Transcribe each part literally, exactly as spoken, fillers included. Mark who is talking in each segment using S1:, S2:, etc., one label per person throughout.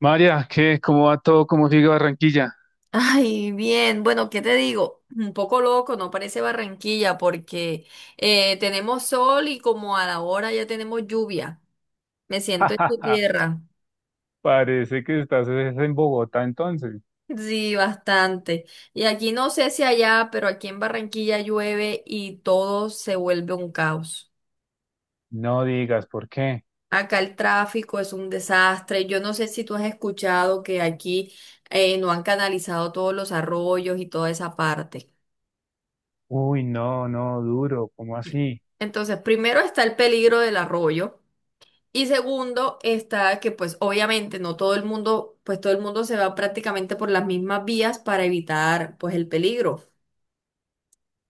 S1: María, ¿qué? ¿Cómo va todo? ¿Cómo sigue Barranquilla?
S2: Ay, bien, bueno, ¿qué te digo? Un poco loco, no parece Barranquilla porque eh, tenemos sol y como a la hora ya tenemos lluvia. Me siento en tu tierra.
S1: Parece que estás es en Bogotá entonces.
S2: Sí, bastante. Y aquí no sé si allá, pero aquí en Barranquilla llueve y todo se vuelve un caos.
S1: No digas, ¿por qué?
S2: Acá el tráfico es un desastre. Yo no sé si tú has escuchado que aquí eh, no han canalizado todos los arroyos y toda esa parte.
S1: Uy, no, no, duro, ¿cómo así?
S2: Entonces, primero está el peligro del arroyo. Y segundo, está que pues obviamente no todo el mundo, pues todo el mundo se va prácticamente por las mismas vías para evitar pues el peligro.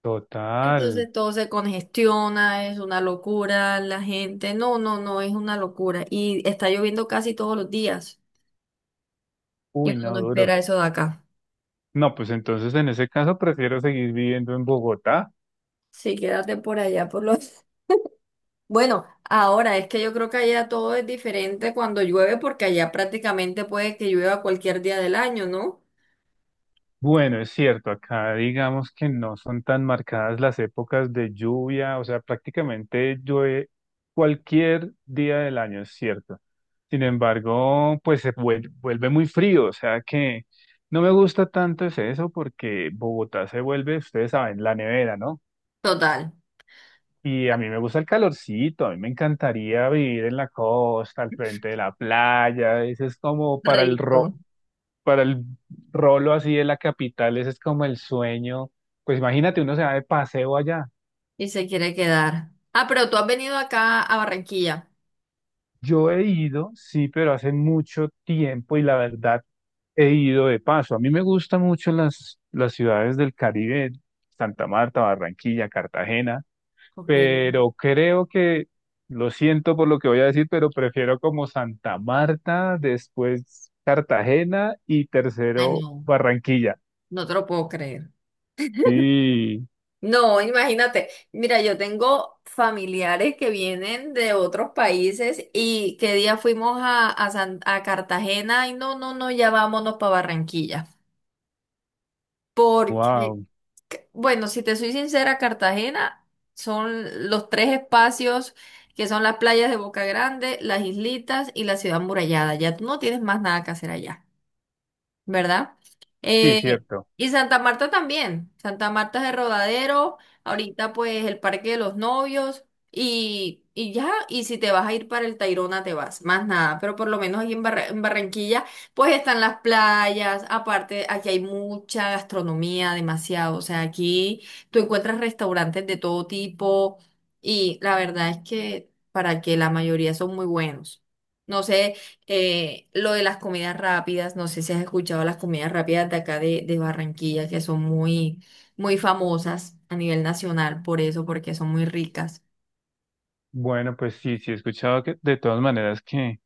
S1: Total,
S2: Entonces todo se congestiona, es una locura, la gente, no, no, no, es una locura. Y está lloviendo casi todos los días y
S1: uy,
S2: uno no
S1: no, duro.
S2: espera eso de acá.
S1: No, pues entonces en ese caso prefiero seguir viviendo en Bogotá.
S2: Sí, quédate por allá, por los... Bueno, ahora es que yo creo que allá todo es diferente cuando llueve porque allá prácticamente puede que llueva cualquier día del año, ¿no?
S1: Bueno, es cierto, acá digamos que no son tan marcadas las épocas de lluvia, o sea, prácticamente llueve cualquier día del año, es cierto. Sin embargo, pues se vuel- vuelve muy frío, o sea que no me gusta tanto es eso porque Bogotá se vuelve, ustedes saben, la nevera, ¿no?
S2: Total.
S1: Y a mí me gusta el calorcito, a mí me encantaría vivir en la costa, al frente de la playa, eso es como para el, ro
S2: Rico.
S1: para el rolo así de la capital, ese es como el sueño. Pues imagínate, uno se va de paseo allá.
S2: Y se quiere quedar. Ah, pero tú has venido acá a Barranquilla.
S1: Yo he ido, sí, pero hace mucho tiempo y la verdad he ido de paso. A mí me gustan mucho las, las ciudades del Caribe, Santa Marta, Barranquilla, Cartagena,
S2: Ok. Ay,
S1: pero creo que, lo siento por lo que voy a decir, pero prefiero como Santa Marta, después Cartagena y tercero
S2: no,
S1: Barranquilla.
S2: no te lo puedo creer.
S1: Sí,
S2: No, imagínate. Mira, yo tengo familiares que vienen de otros países y qué día fuimos a, a, San- a Cartagena y no, no, no, ya vámonos para Barranquilla. Porque,
S1: wow,
S2: c- bueno, si te soy sincera, Cartagena son los tres espacios que son las playas de Boca Grande, las islitas y la ciudad murallada. Ya tú no tienes más nada que hacer allá. ¿Verdad?
S1: sí,
S2: Eh,
S1: cierto.
S2: y Santa Marta también. Santa Marta es el Rodadero, ahorita pues el Parque de los Novios y, y ya, y si te vas a ir para el Tayrona te vas, más nada, pero por lo menos aquí en, Barra- en Barranquilla pues están las playas, aparte aquí hay mucha gastronomía, demasiado, o sea, aquí tú encuentras restaurantes de todo tipo y la verdad es que para que la mayoría son muy buenos. No sé. Eh, lo de las comidas rápidas, no sé si has escuchado las comidas rápidas de acá de, de Barranquilla, que son muy, muy famosas a nivel nacional por eso, porque son muy ricas.
S1: Bueno, pues sí, sí he escuchado que de todas maneras que,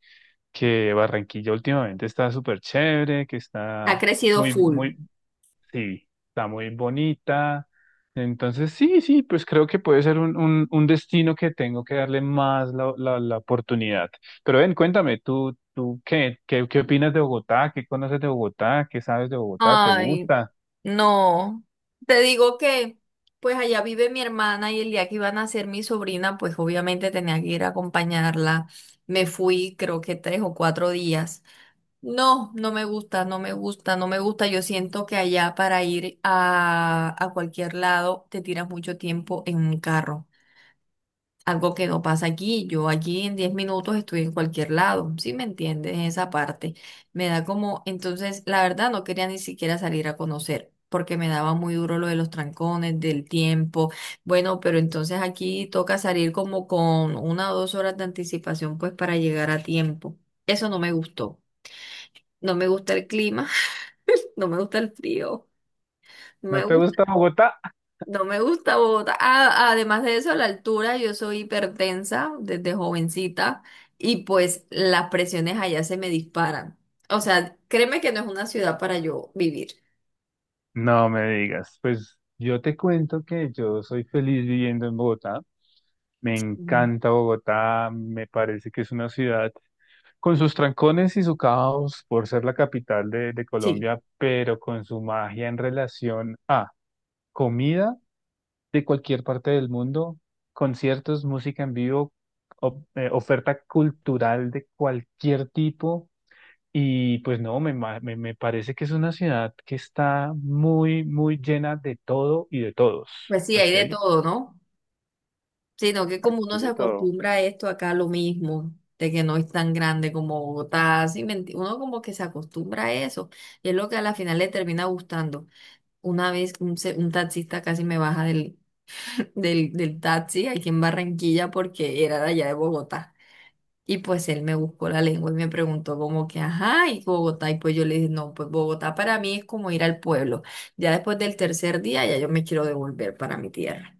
S1: que Barranquilla últimamente está súper chévere, que
S2: Ha
S1: está
S2: crecido
S1: muy,
S2: full.
S1: muy, sí, está muy bonita. Entonces, sí, sí, pues creo que puede ser un, un, un destino que tengo que darle más la, la, la oportunidad. Pero ven, cuéntame, ¿tú, tú qué, qué, qué opinas de Bogotá? ¿Qué conoces de Bogotá? ¿Qué sabes de Bogotá? ¿Te
S2: Ay,
S1: gusta?
S2: no. Te digo que, pues allá vive mi hermana y el día que iba a nacer mi sobrina, pues obviamente tenía que ir a acompañarla. Me fui, creo que tres o cuatro días. No, no me gusta, no me gusta, no me gusta. Yo siento que allá para ir a, a cualquier lado te tiras mucho tiempo en un carro. Algo que no pasa aquí. Yo aquí en diez minutos estoy en cualquier lado. ¿Sí me entiendes? Esa parte. Me da como, entonces, la verdad no quería ni siquiera salir a conocer, porque me daba muy duro lo de los trancones, del tiempo. Bueno, pero entonces aquí toca salir como con una o dos horas de anticipación, pues para llegar a tiempo. Eso no me gustó. No me gusta el clima. No me gusta el frío. No me
S1: ¿No te
S2: gusta,
S1: gusta Bogotá?
S2: no me gusta Bogotá. Ah, además de eso, a la altura, yo soy hipertensa desde jovencita y pues las presiones allá se me disparan. O sea, créeme que no es una ciudad para yo vivir.
S1: No me digas. Pues yo te cuento que yo soy feliz viviendo en Bogotá. Me
S2: Mm.
S1: encanta Bogotá, me parece que es una ciudad con sus trancones y su caos por ser la capital de, de
S2: Sí.
S1: Colombia, pero con su magia en relación a comida de cualquier parte del mundo, conciertos, música en vivo, o- eh, oferta cultural de cualquier tipo. Y pues no, me, ma- me, me parece que es una ciudad que está muy, muy llena de todo y de todos.
S2: Pues sí, hay
S1: Aquí
S2: de
S1: hay,
S2: todo, ¿no? Sino que
S1: aquí
S2: como uno
S1: hay
S2: se
S1: de todo.
S2: acostumbra a esto acá lo mismo, de que no es tan grande como Bogotá, sí, me enti- uno como que se acostumbra a eso, y es lo que a la final le termina gustando. Una vez un, se- un taxista casi me baja del, del, del taxi aquí en Barranquilla porque era de allá de Bogotá. Y pues él me buscó la lengua y me preguntó como que, ajá, y Bogotá. Y pues yo le dije, no, pues Bogotá para mí es como ir al pueblo. Ya después del tercer día, ya yo me quiero devolver para mi tierra.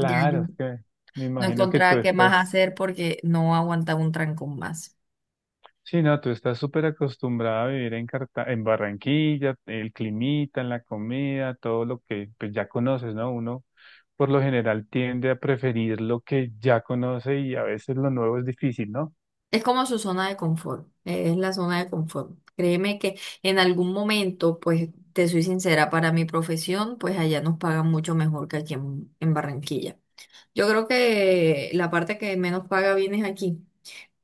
S2: Ya yo
S1: es que me
S2: no
S1: imagino que tú
S2: encontraba qué más
S1: estás,
S2: hacer porque no aguantaba un trancón más.
S1: sí, no, tú estás súper acostumbrada a vivir en Carta- en Barranquilla, el climita, la comida, todo lo que pues ya conoces, ¿no? Uno por lo general tiende a preferir lo que ya conoce y a veces lo nuevo es difícil, ¿no?
S2: Es como su zona de confort, eh, es la zona de confort. Créeme que en algún momento, pues te soy sincera, para mi profesión, pues allá nos pagan mucho mejor que aquí en, en Barranquilla. Yo creo que la parte que menos paga bien es aquí,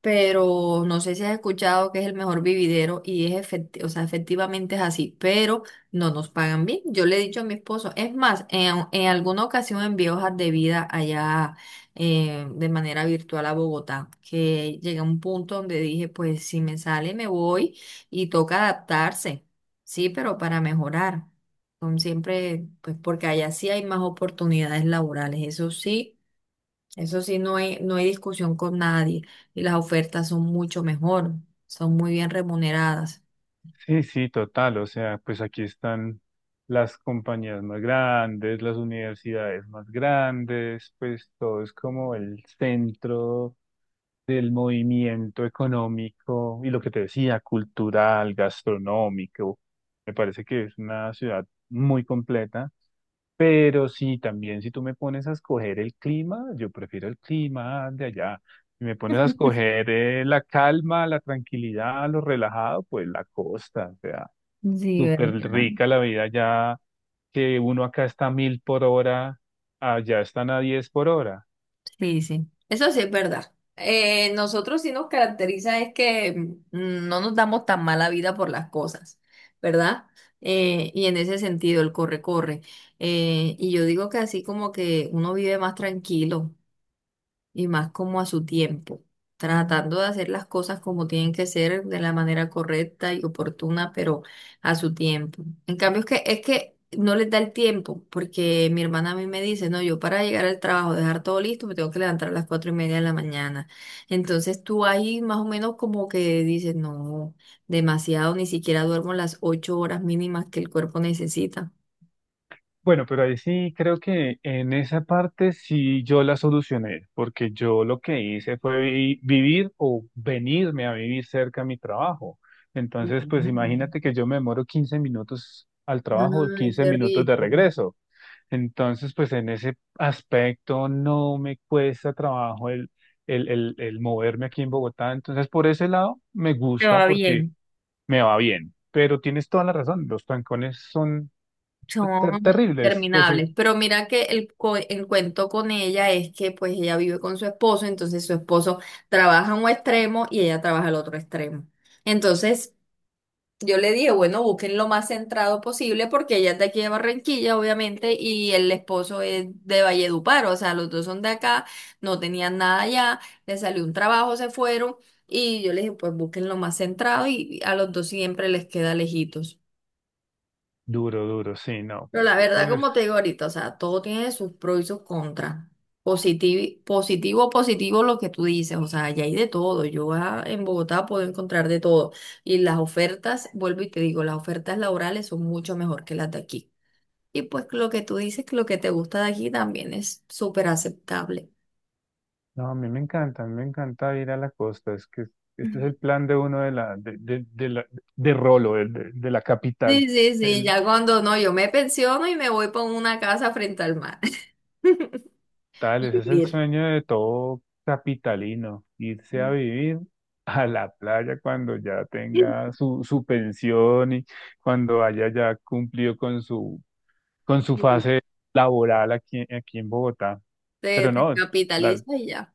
S2: pero no sé si has escuchado que es el mejor vividero y es efecti- o sea, efectivamente es así, pero no nos pagan bien. Yo le he dicho a mi esposo, es más, en, en alguna ocasión envié hojas de vida allá eh, de manera virtual a Bogotá, que llegué a un punto donde dije, pues si me sale me voy y toca adaptarse, sí, pero para mejorar. Son siempre, pues porque allá sí hay más oportunidades laborales, eso sí. Eso sí, no hay, no hay discusión con nadie y las ofertas son mucho mejor, son muy bien remuneradas.
S1: Sí, sí, total. O sea, pues aquí están las compañías más grandes, las universidades más grandes, pues todo es como el centro del movimiento económico y lo que te decía, cultural, gastronómico. Me parece que es una ciudad muy completa. Pero sí, también si tú me pones a escoger el clima, yo prefiero el clima de allá. Si me pones a escoger eh, la calma, la tranquilidad, lo relajado, pues la costa, o sea,
S2: Sí,
S1: súper
S2: ¿verdad?
S1: rica la vida allá, que uno acá está a mil por hora, allá están a diez por hora.
S2: Sí, sí. Eso sí es verdad. Eh, nosotros sí nos caracteriza es que mm, no nos damos tan mala vida por las cosas, ¿verdad? Eh, y en ese sentido, el corre-corre. Eh, y yo digo que así como que uno vive más tranquilo, y más como a su tiempo, tratando de hacer las cosas como tienen que ser de la manera correcta y oportuna, pero a su tiempo. En cambio, es que, es que no les da el tiempo, porque mi hermana a mí me dice, no, yo para llegar al trabajo, dejar todo listo, me tengo que levantar a las cuatro y media de la mañana. Entonces tú ahí más o menos como que dices, no, demasiado, ni siquiera duermo las ocho horas mínimas que el cuerpo necesita.
S1: Bueno, pero ahí sí creo que en esa parte sí yo la solucioné, porque yo lo que hice fue vi- vivir o venirme a vivir cerca a mi trabajo. Entonces, pues
S2: Ujú.
S1: imagínate que yo me demoro quince minutos al trabajo,
S2: Ay,
S1: quince
S2: qué
S1: minutos de
S2: rico.
S1: regreso. Entonces, pues en ese aspecto no me cuesta trabajo el, el, el, el moverme aquí en Bogotá. Entonces, por ese lado me
S2: Te
S1: gusta
S2: va
S1: porque
S2: bien.
S1: me va bien. Pero tienes toda la razón, los trancones son ter-
S2: Son
S1: terribles. Pues eh,
S2: interminables, pero mira que el, co- el cuento con ella es que pues ella vive con su esposo, entonces su esposo trabaja en un extremo y ella trabaja al otro extremo. Entonces yo le dije, bueno, busquen lo más centrado posible porque ella es de aquí de Barranquilla, obviamente, y el esposo es de Valledupar, o sea, los dos son de acá, no tenían nada allá, le salió un trabajo, se fueron y yo le dije, pues busquen lo más centrado y a los dos siempre les queda lejitos.
S1: duro, duro, sí, no,
S2: Pero
S1: pues
S2: la
S1: eso
S2: verdad,
S1: es,
S2: como te digo ahorita, o sea, todo tiene sus pros y sus contras. Positivo, positivo, positivo lo que tú dices, o sea, ya hay de todo. Yo ah, en Bogotá puedo encontrar de todo. Y las ofertas, vuelvo y te digo, las ofertas laborales son mucho mejor que las de aquí. Y pues lo que tú dices, que lo que te gusta de aquí también es súper aceptable.
S1: no, a mí me encanta, a mí me encanta ir a la costa, es que ese es
S2: Mm.
S1: el plan de uno de la, de, de, de la, de Rolo, de, de- de la capital,
S2: Sí, sí, sí,
S1: el
S2: ya cuando no, yo me pensiono y me voy para una casa frente al mar.
S1: tal, ese es el
S2: Vivir.
S1: sueño de todo capitalino, irse a vivir a la playa cuando ya
S2: Sí.
S1: tenga su, su pensión y cuando haya ya cumplido con su, con su fase laboral aquí, aquí en Bogotá,
S2: Te,
S1: pero
S2: te
S1: no, la-
S2: capitalizas y ya.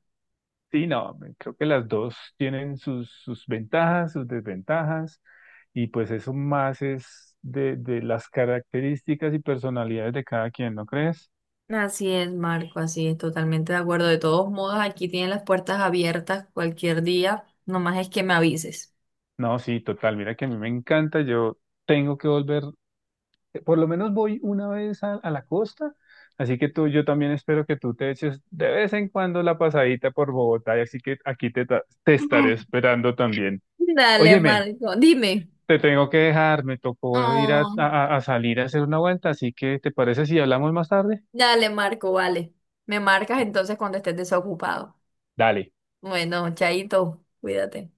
S1: sí, no, me- creo que las dos tienen sus, sus ventajas, sus desventajas, y pues eso más es de, de las características y personalidades de cada quien, ¿no crees?
S2: Así es, Marco, así es, totalmente de acuerdo. De todos modos, aquí tienen las puertas abiertas cualquier día, nomás es que me avises.
S1: No, sí, total, mira que a mí me encanta, yo tengo que volver, eh, por lo menos voy una vez a, a la costa, así que tú, yo también espero que tú te eches de vez en cuando la pasadita por Bogotá, y así que aquí te, ta- te estaré esperando también.
S2: Dale,
S1: Óyeme.
S2: Marco, dime.
S1: Te tengo que dejar, me tocó ir a,
S2: Oh,
S1: a a salir a hacer una vuelta, así que ¿te parece si hablamos más tarde?
S2: dale, Marco, vale. Me marcas entonces cuando estés desocupado.
S1: Dale.
S2: Bueno, chaito, cuídate.